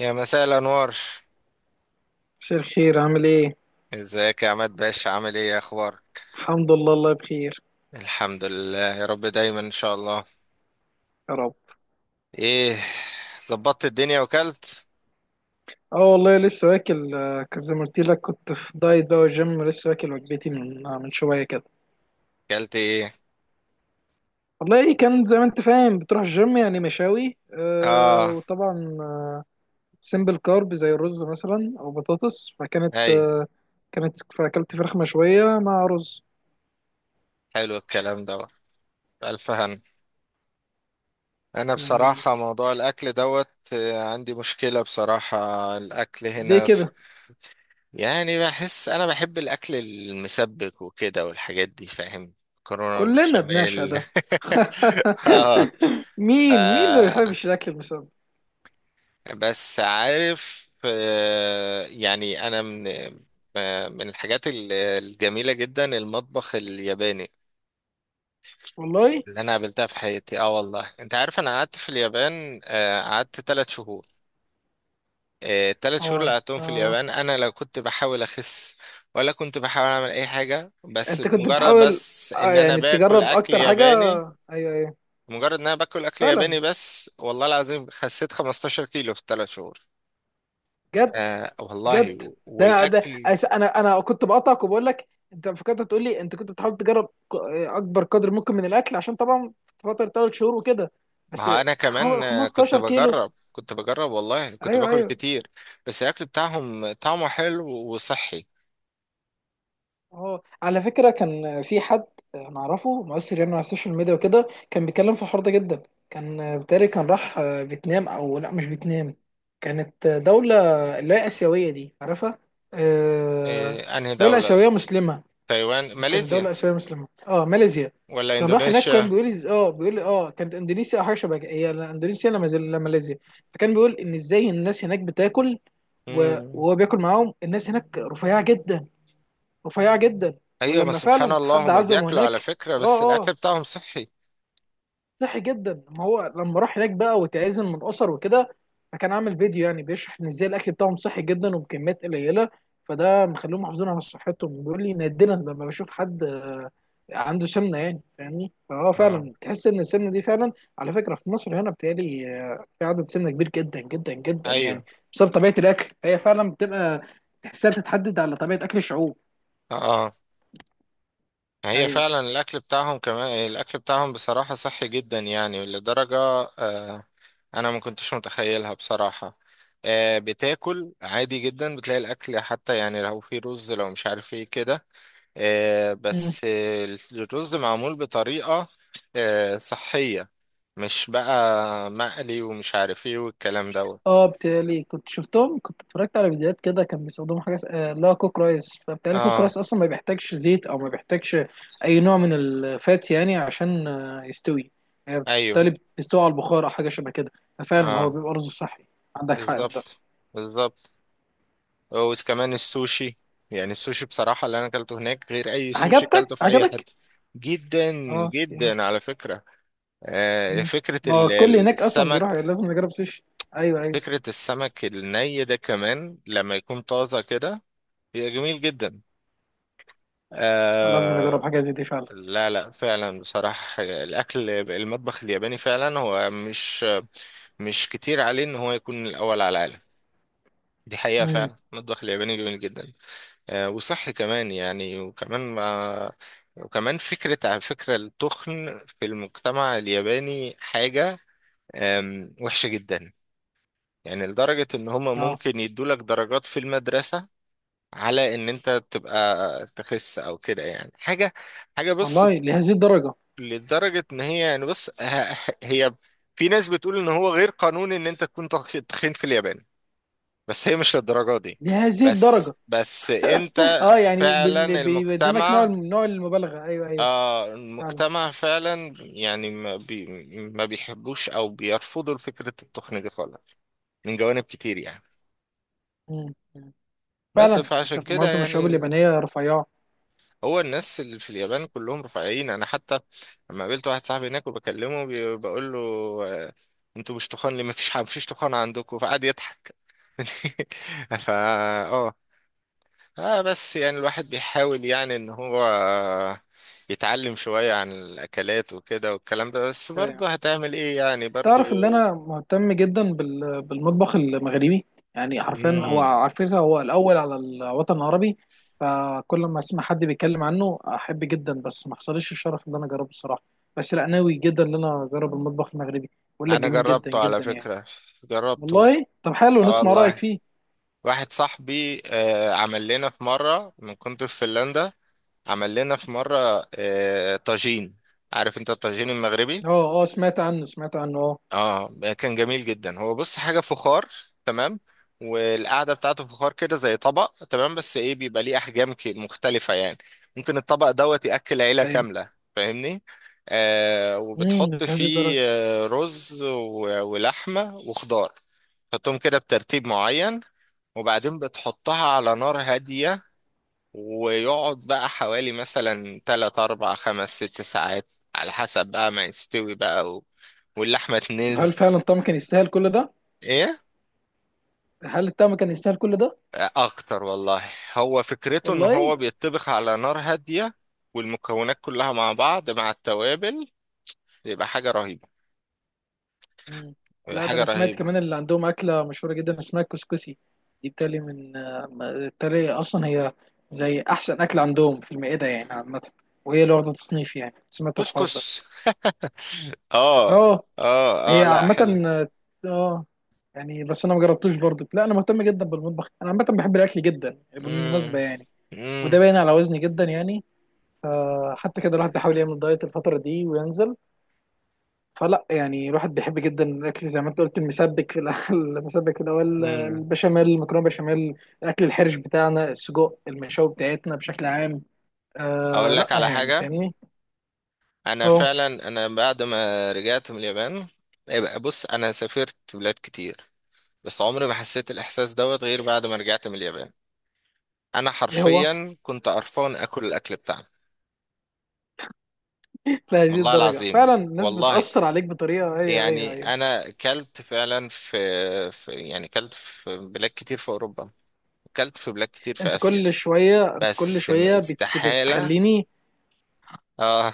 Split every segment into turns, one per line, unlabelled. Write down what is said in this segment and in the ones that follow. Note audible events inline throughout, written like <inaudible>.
يا مساء الأنوار.
مساء الخير، عامل ايه؟
ازيك يا عماد باشا؟ عامل ايه؟ إيه اخبارك؟
الحمد لله الله بخير.
الحمد لله يا رب دايما ان شاء الله.
يا رب.
ايه، ظبطت الدنيا وكلت؟
اه والله لسه واكل، زي ما قلت لك كنت في دايت بقى والجيم لسه واكل وجبتي من شويه كده.
كلت ايه؟
والله ايه، كان زي ما انت فاهم بتروح الجيم يعني مشاوي،
اه
وطبعا سيمبل كارب زي الرز مثلا او بطاطس، فكانت
ايوه،
كانت فاكلت فراخ مشويه مع رز.
حلو الكلام دوت. الف هن. انا
من
بصراحة
عندك.
موضوع الاكل دوت عندي مشكلة بصراحة. الاكل
ليه
هنا
كده؟
يعني بحس انا بحب الاكل المسبك وكده والحاجات دي، فاهم؟ كورونا
كلنا بنعشق
بشاميل.
ده. <laughs>
<laughs>
مين ما
اه
بيحبش الاكل المسبك.
بس عارف، آه، يعني انا من آه، من الحاجات الجميله جدا المطبخ الياباني
والله.
اللي انا قابلتها في حياتي. اه والله انت عارف انا قعدت في اليابان، قعدت 3 شهور. ال3 شهور اللي
اه،
قعدتهم في
اه.
اليابان انا لا كنت بحاول اخس، ولا كنت بحاول اعمل اي حاجه، بس
انت كنت
مجرد
بتحاول،
ان انا
يعني
باكل
تجرب
اكل
اكتر حاجه.
ياباني.
ايوه، ايوه.
مجرد ان انا باكل اكل
فعلا.
ياباني بس، والله العظيم خسيت 15 كيلو في ال3 شهور.
بجد.
آه
بجد.
والله،
ده انا ده،
والاكل،
انا كنت بقطعك وبقول لك انت فكرت تقول لي انت كنت بتحاول تجرب اكبر قدر ممكن من الاكل، عشان طبعا في فتره ثلاث شهور وكده. بس
ما انا كمان كنت
15 كيلو.
بجرب كنت بجرب والله كنت
ايوه،
باكل
ايوه.
كتير، بس الاكل بتاعهم طعمه حلو وصحي.
اه، على فكرة كان في حد انا اعرفه مؤثر يعني على السوشيال ميديا وكده، كان بيتكلم في الحوار ده جدا. كان بتاري كان راح فيتنام، او لا، مش فيتنام، كانت دولة اللي هي آسيوية، دي عارفها، آه،
إيه انهي
دولة آسيوية
دولة؟
مسلمة.
تايوان،
كانت
ماليزيا
دولة آسيوية مسلمة، اه ماليزيا.
ولا
كان راح هناك، كان
اندونيسيا؟
بيقول اه بيقول اه كانت اندونيسيا او حاجه شبه كده. هي لا اندونيسيا، لا ماليزيا. فكان بيقول ان ازاي الناس هناك بتاكل،
مم.
وهو بياكل معاهم. الناس هناك رفيعه جدا، رفيعة جدا.
ايوه
ولما
بس سبحان
فعلا
الله
حد
هما
عزمه
بياكلوا، على
هناك،
فكرة بس
اه اه،
الاكل بتاعهم صحي.
صحي جدا. ما هو لما راح هناك بقى وتعزم من اسر وكده، فكان عامل فيديو يعني بيشرح ان ازاي الاكل بتاعهم صحي جدا وبكميات قليله، فده مخليهم محافظين على صحتهم. بيقول لي نادرا لما بشوف حد عنده سمنه، يعني فاهمني، فهو
اه
فعلا تحس ان السمنه دي فعلا. على فكره في مصر هنا بتهيألي في عدد سمنه كبير جدا جدا جدا يعني،
ايوه
بسبب طبيعه الاكل. هي فعلا بتبقى تحسها بتتحدد على طبيعه اكل الشعوب.
اه، هي
ايوه.
فعلا الأكل بتاعهم، كمان الأكل بتاعهم بصراحة صحي جدا يعني لدرجة، آه، أنا ما كنتش متخيلها بصراحة. بتاكل عادي جدا، بتلاقي الأكل حتى يعني لو في رز لو مش عارف ايه كده، آه، بس آه، الرز معمول بطريقة صحية، مش بقى مقلي ومش عارف ايه والكلام دوت.
اه بتهيألي كنت شفتهم، كنت اتفرجت على فيديوهات كده، كان بيستخدموا حاجه اللي هو كوك رايس. فبتهيألي كوك
اه
رايس اصلا ما بيحتاجش زيت، او ما بيحتاجش اي نوع من الفات، يعني عشان يستوي، يعني
ايوه
بالتالي بيستوي على البخار او حاجه شبه كده، ففعلا هو
اه
بيبقى رز صحي. عندك حق في ده.
بالظبط بالظبط. وكمان السوشي، يعني السوشي بصراحة اللي أنا أكلته هناك غير أي سوشي
عجبتك،
أكلته في أي
عجبك.
حتة. جدا
اه يعني.
جدا على فكرة.
مم. ما هو الكل هناك اصلا بيروح
السمك،
لازم نجرب سوشي. ايوه، ايوه.
فكرة السمك الني ده كمان لما يكون طازة كده بيبقى جميل جدا.
لازم نجرب
آه،
حاجه زي دي فعلا.
لا لا فعلا بصراحة الأكل، المطبخ الياباني فعلا هو مش مش كتير عليه إن هو يكون الأول على العالم. دي حقيقة،
امم.
فعلا المطبخ الياباني جميل جدا. وصحي كمان يعني، وكمان مع، وكمان فكرة، على فكرة التخن في المجتمع الياباني حاجة وحشة جدا. يعني لدرجة إن هما
اه
ممكن يدولك درجات في المدرسة على إن أنت تبقى تخس أو كده، يعني حاجة حاجة بص،
والله. لهذه الدرجه.
لدرجة إن هي هي في ناس بتقول إن هو غير قانوني إن أنت تكون تخين في اليابان، بس هي مش للدرجة دي.
لهذه
بس
الدرجه.
بس أنت
اه يعني بال...
فعلا
بيبينك نوع
المجتمع،
نوع المبالغه. ايوه، ايوه.
آه
فعلا.
المجتمع فعلا يعني ما بيحبوش او بيرفضوا فكرة التقنية دي خالص، من جوانب كتير يعني.
مم. مم.
بس
فعلا
فعشان
انت
كده
معظم الشباب
يعني
اليابانيه رفيعه.
هو الناس اللي في اليابان كلهم رفيعين. انا حتى لما قابلت واحد صاحبي هناك وبكلمه بقول له آه، انتوا مش تخان ليه؟ ما فيش ما فيش تخان عندكم، فقعد يضحك. <laughs> فا، اه اه، بس يعني الواحد بيحاول يعني ان هو يتعلم شوية عن الاكلات وكده والكلام ده، بس
يعني
برضه هتعمل ايه يعني برضه.
تعرف ان انا مهتم جدا بال... بالمطبخ المغربي، يعني حرفيا هو
مم.
عارفين هو الاول على الوطن العربي، فكل ما اسمع حد بيتكلم عنه احب جدا، بس ما حصلش الشرف ان انا اجربه الصراحه. بس لا ناوي جدا ان انا اجرب المطبخ المغربي. بقول لك
انا
جميل جدا
جربته على
جدا يعني.
فكرة، جربته.
والله طب حلو
اه
نسمع رايك
والله،
فيه.
واحد صاحبي آه عمل لنا في مرة، من كنت في فنلندا عمل لنا في مرة آه طاجين. عارف انت الطاجين المغربي؟
اه اه سمعت عنه، سمعت عنه اه.
اه كان جميل جدا. هو بص حاجه فخار، تمام؟ والقعده بتاعته فخار كده زي طبق تمام، بس ايه بيبقى ليه احجام مختلفه يعني. ممكن الطبق دوت ياكل عيله
أيوة.
كامله، فاهمني؟ آه
امم.
وبتحط
لهذه
فيه
الدرجه.
رز ولحمه وخضار، تحطهم كده بترتيب معين، وبعدين بتحطها على نار هاديه، ويقعد بقى حوالي مثلا 3 4 5 6 ساعات على حسب بقى ما يستوي بقى و... واللحمة
هل
تنز.
فعلا الطعم كان يستاهل كل ده؟
ايه؟
هل الطعم كان يستاهل كل ده؟
اكتر والله. هو فكرته ان
والله.
هو بيتطبخ على نار هادية، والمكونات كلها مع بعض مع التوابل، بيبقى حاجة رهيبة.
مم.
بيبقى
لا ده
حاجة
انا سمعت
رهيبة.
كمان اللي عندهم اكله مشهوره جدا اسمها الكسكسي. دي بتالي من آه، بالتالي اصلا هي زي احسن اكل عندهم في المائده يعني عامه، وهي اللي واخده تصنيف يعني، سمعت الحوار ده.
كسكس. <laughs> اه
اه.
اه
هي
اه لا
عامه
حلو.
اه. آه، يعني بس انا ما جربتوش برضو. لا انا مهتم جدا بالمطبخ، انا عامه بحب الاكل جدا
امم
بالمناسبه يعني، وده
امم
باين على وزني جدا يعني، فحتى كده الواحد بيحاول يعمل دايت الفترة دي وينزل. فلا يعني الواحد بيحب جدا الأكل زي ما أنت قلت المسبك في الأول. <laughs> المسبك اللي هو
امم.
البشاميل، المكرونة بشاميل، الأكل الحرش بتاعنا، السجق المشاوي بتاعتنا بشكل عام. آه
اقول
لا
لك على
يعني
حاجة،
فاهمني.
انا
أه.
فعلا انا بعد ما رجعت من اليابان، يبقى بص، انا سافرت بلاد كتير بس عمري ما حسيت الاحساس دوت غير بعد ما رجعت من اليابان. انا
إيه هو.
حرفيا كنت قرفان اكل الاكل بتاعنا.
<laughs> لهذه
والله
الدرجة
العظيم،
فعلا الناس
والله
بتأثر عليك بطريقة. أيوه، أيوه،
يعني
أيوه.
انا كلت فعلا في يعني كلت في بلاد كتير في اوروبا، كلت في بلاد كتير في
أنت
اسيا،
كل شوية، أنت كل
بس
شوية
استحالة.
بتخليني،
اه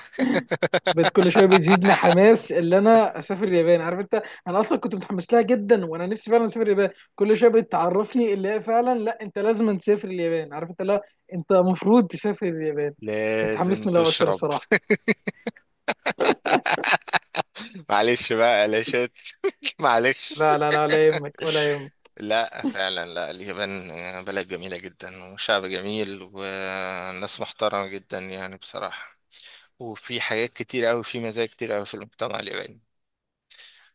بقت كل شويه
<laughs>
بيزيدني حماس اللي انا اسافر اليابان، عارف انت. انا اصلا كنت متحمس لها جدا، وانا نفسي فعلا اسافر اليابان. كل شويه بتعرفني اللي هي فعلا لا انت لازم تسافر اليابان، عارف انت، لا انت المفروض تسافر اليابان.
لازم
بتحمسني لها اكتر
تشرب.
الصراحه.
<laughs> معلش بقى قلاشات. <laughs> معلش.
لا لا لا، لا يهمك ولا يهمك.
لا فعلا، لا اليابان بلد جميلة جدا، وشعب جميل وناس محترمة جدا يعني بصراحة، وفي حاجات كتير أوي، في مزايا كتير أوي في المجتمع الياباني.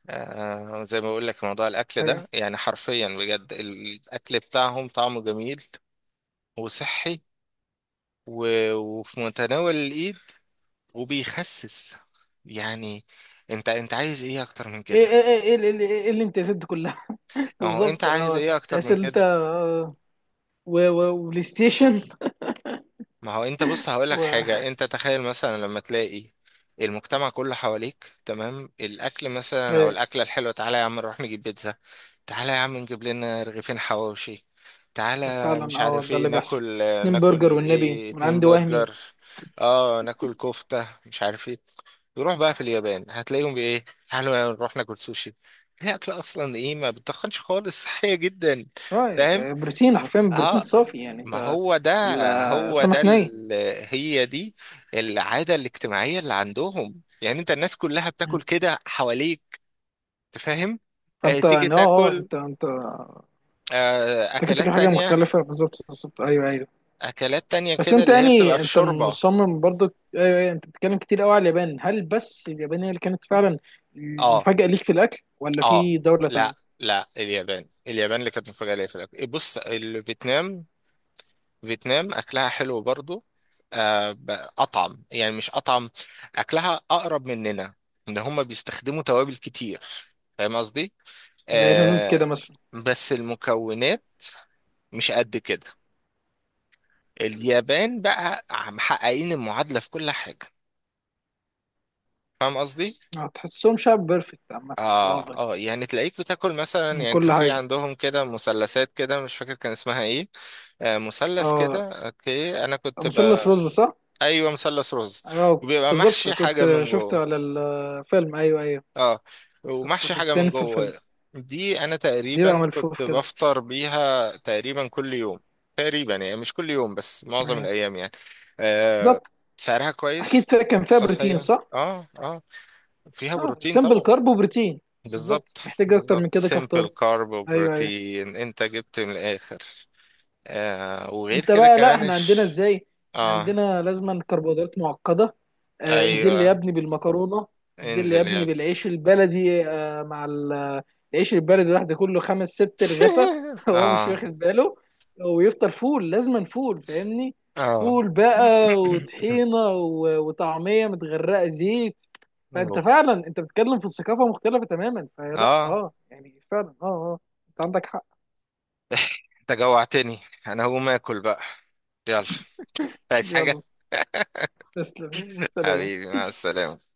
آه زي ما بقول لك موضوع الاكل
ايوه.
ده يعني حرفيا بجد، الاكل بتاعهم طعمه جميل وصحي وفي متناول الايد، وبيخسس يعني. انت انت عايز ايه اكتر من
ايه،
كده؟
ايه، ايه، ايه، ايه، ايه، ايه الامتيازات دي كلها. <laughs>
ما هو انت
بالظبط
عايز
اه.
ايه اكتر
تحس
من
ان انت
كده؟
وبلاي ستيشن
ما هو انت بص هقول لك
و
حاجة. انت تخيل مثلا لما تلاقي المجتمع كله حواليك تمام؟ الاكل مثلا او
ايه،
الاكلة الحلوة: تعالى يا عم نروح نجيب بيتزا، تعالى يا عم نجيب لنا رغيفين حواوشي، تعالى
فعلا
مش
اه
عارف
ده
ايه.
اللي بيحصل.
ناكل،
اتنين برجر
ناكل
والنبي
ايه؟
من
اتنين
عند وهمي.
برجر اه ناكل كفتة مش عارف ايه. نروح بقى في اليابان هتلاقيهم بايه؟ تعالوا يا نروح ناكل سوشي. هي اكلة اصلا ايه؟ ما بتخنش خالص <laughs> صحية جدا. فاهم؟
اه بروتين، حرفيا بروتين
اه
صافي يعني
ما
انت،
هو ده، هو ده
السمك ني.
هي دي العادة الاجتماعية اللي عندهم. يعني انت الناس كلها بتاكل كده حواليك، فاهم؟
فانت
تيجي
يعني اه، اه،
تاكل
انت انت كده،
اكلات
كده حاجه
تانية،
مختلفه. بالظبط، بالظبط، ايوه ايوه.
اكلات تانية
بس
كده
انت
اللي هي بتبقى
يعني
في
انت
شوربة.
مصمم برضو. ايوه ايوه انت بتتكلم كتير قوي على اليابان، هل بس اليابان هي اللي كانت فعلا
اه
مفاجاه ليك في الاكل، ولا
اه
في دوله تانية؟
لا لا، اليابان، اليابان اللي كانت مفاجأة ليا في الاكل. إيه، بص فيتنام، فيتنام اكلها حلو برضو. آه، ب- اطعم يعني، مش اطعم، اكلها اقرب مننا، ان هم بيستخدموا توابل كتير، فاهم قصدي؟
زي الهنود
آه
كده مثلا.
بس المكونات مش قد كده. اليابان بقى محققين المعادلة في كل حاجة، فاهم قصدي؟
اه، تحسهم شعب بيرفكت عامه. اه
اه
والله.
اه يعني تلاقيك بتاكل مثلا،
من
يعني كان
كل
في
حاجه.
عندهم كده مثلثات كده مش فاكر كان اسمها ايه، آه مثلث
اه.
كده اوكي انا كنت
مثلث
بقى
رز صح؟
<laughs> ايوه مثلث رز،
اه
وبيبقى
بالظبط
محشي
كنت
حاجه من
شفته
جوه.
على الفيلم. ايوه، ايوه.
اه
كنت
ومحشي حاجه من
بتبان في الفيلم.
جوه. دي انا
بيبقى
تقريبا كنت
ملفوف كده.
بفطر بيها تقريبا كل يوم، تقريبا يعني مش كل يوم بس معظم
يعني.
الايام يعني. آه
بالظبط.
سعرها كويس.
اكيد فيها، كان فيها بروتين
صحيه
صح؟
اه اه، فيها
اه
بروتين
سمبل
طبعا.
كارب وبروتين.
بالظبط.
بالظبط، محتاج اكتر
بالظبط
من كده
سيمبل
كفطار.
كارب
ايوه، ايوه.
وبروتين، انت جبت من الاخر. آه وغير
انت
كده
بقى لا،
كمان
احنا عندنا
اش.
ازاي، احنا
اه
عندنا لازما كربوهيدرات معقده. آه انزل لي يا
ايوه
ابني بالمكرونه، انزل لي يا
انزل يا
ابني
ابني.
بالعيش البلدي، مع العيش البلدي لوحده كله خمس ست رغفه
<laughs>
<laughs> هو مش
اه
واخد باله، ويفطر فول، لازما فول، فاهمني،
اه.
فول
<coughs>
بقى وطحينه وطعميه متغرقه زيت. فانت
أوف.
فعلا انت بتتكلم في الثقافه مختلفه تماما، فلا
اه
اه يعني فعلا اه اه، انت عندك حق.
انت جوعتني، انا هقوم اكل بقى. يلا، عايز حاجة؟
يلا، تسلم،
<laughs>
سلام.
حبيبي مع السلامة.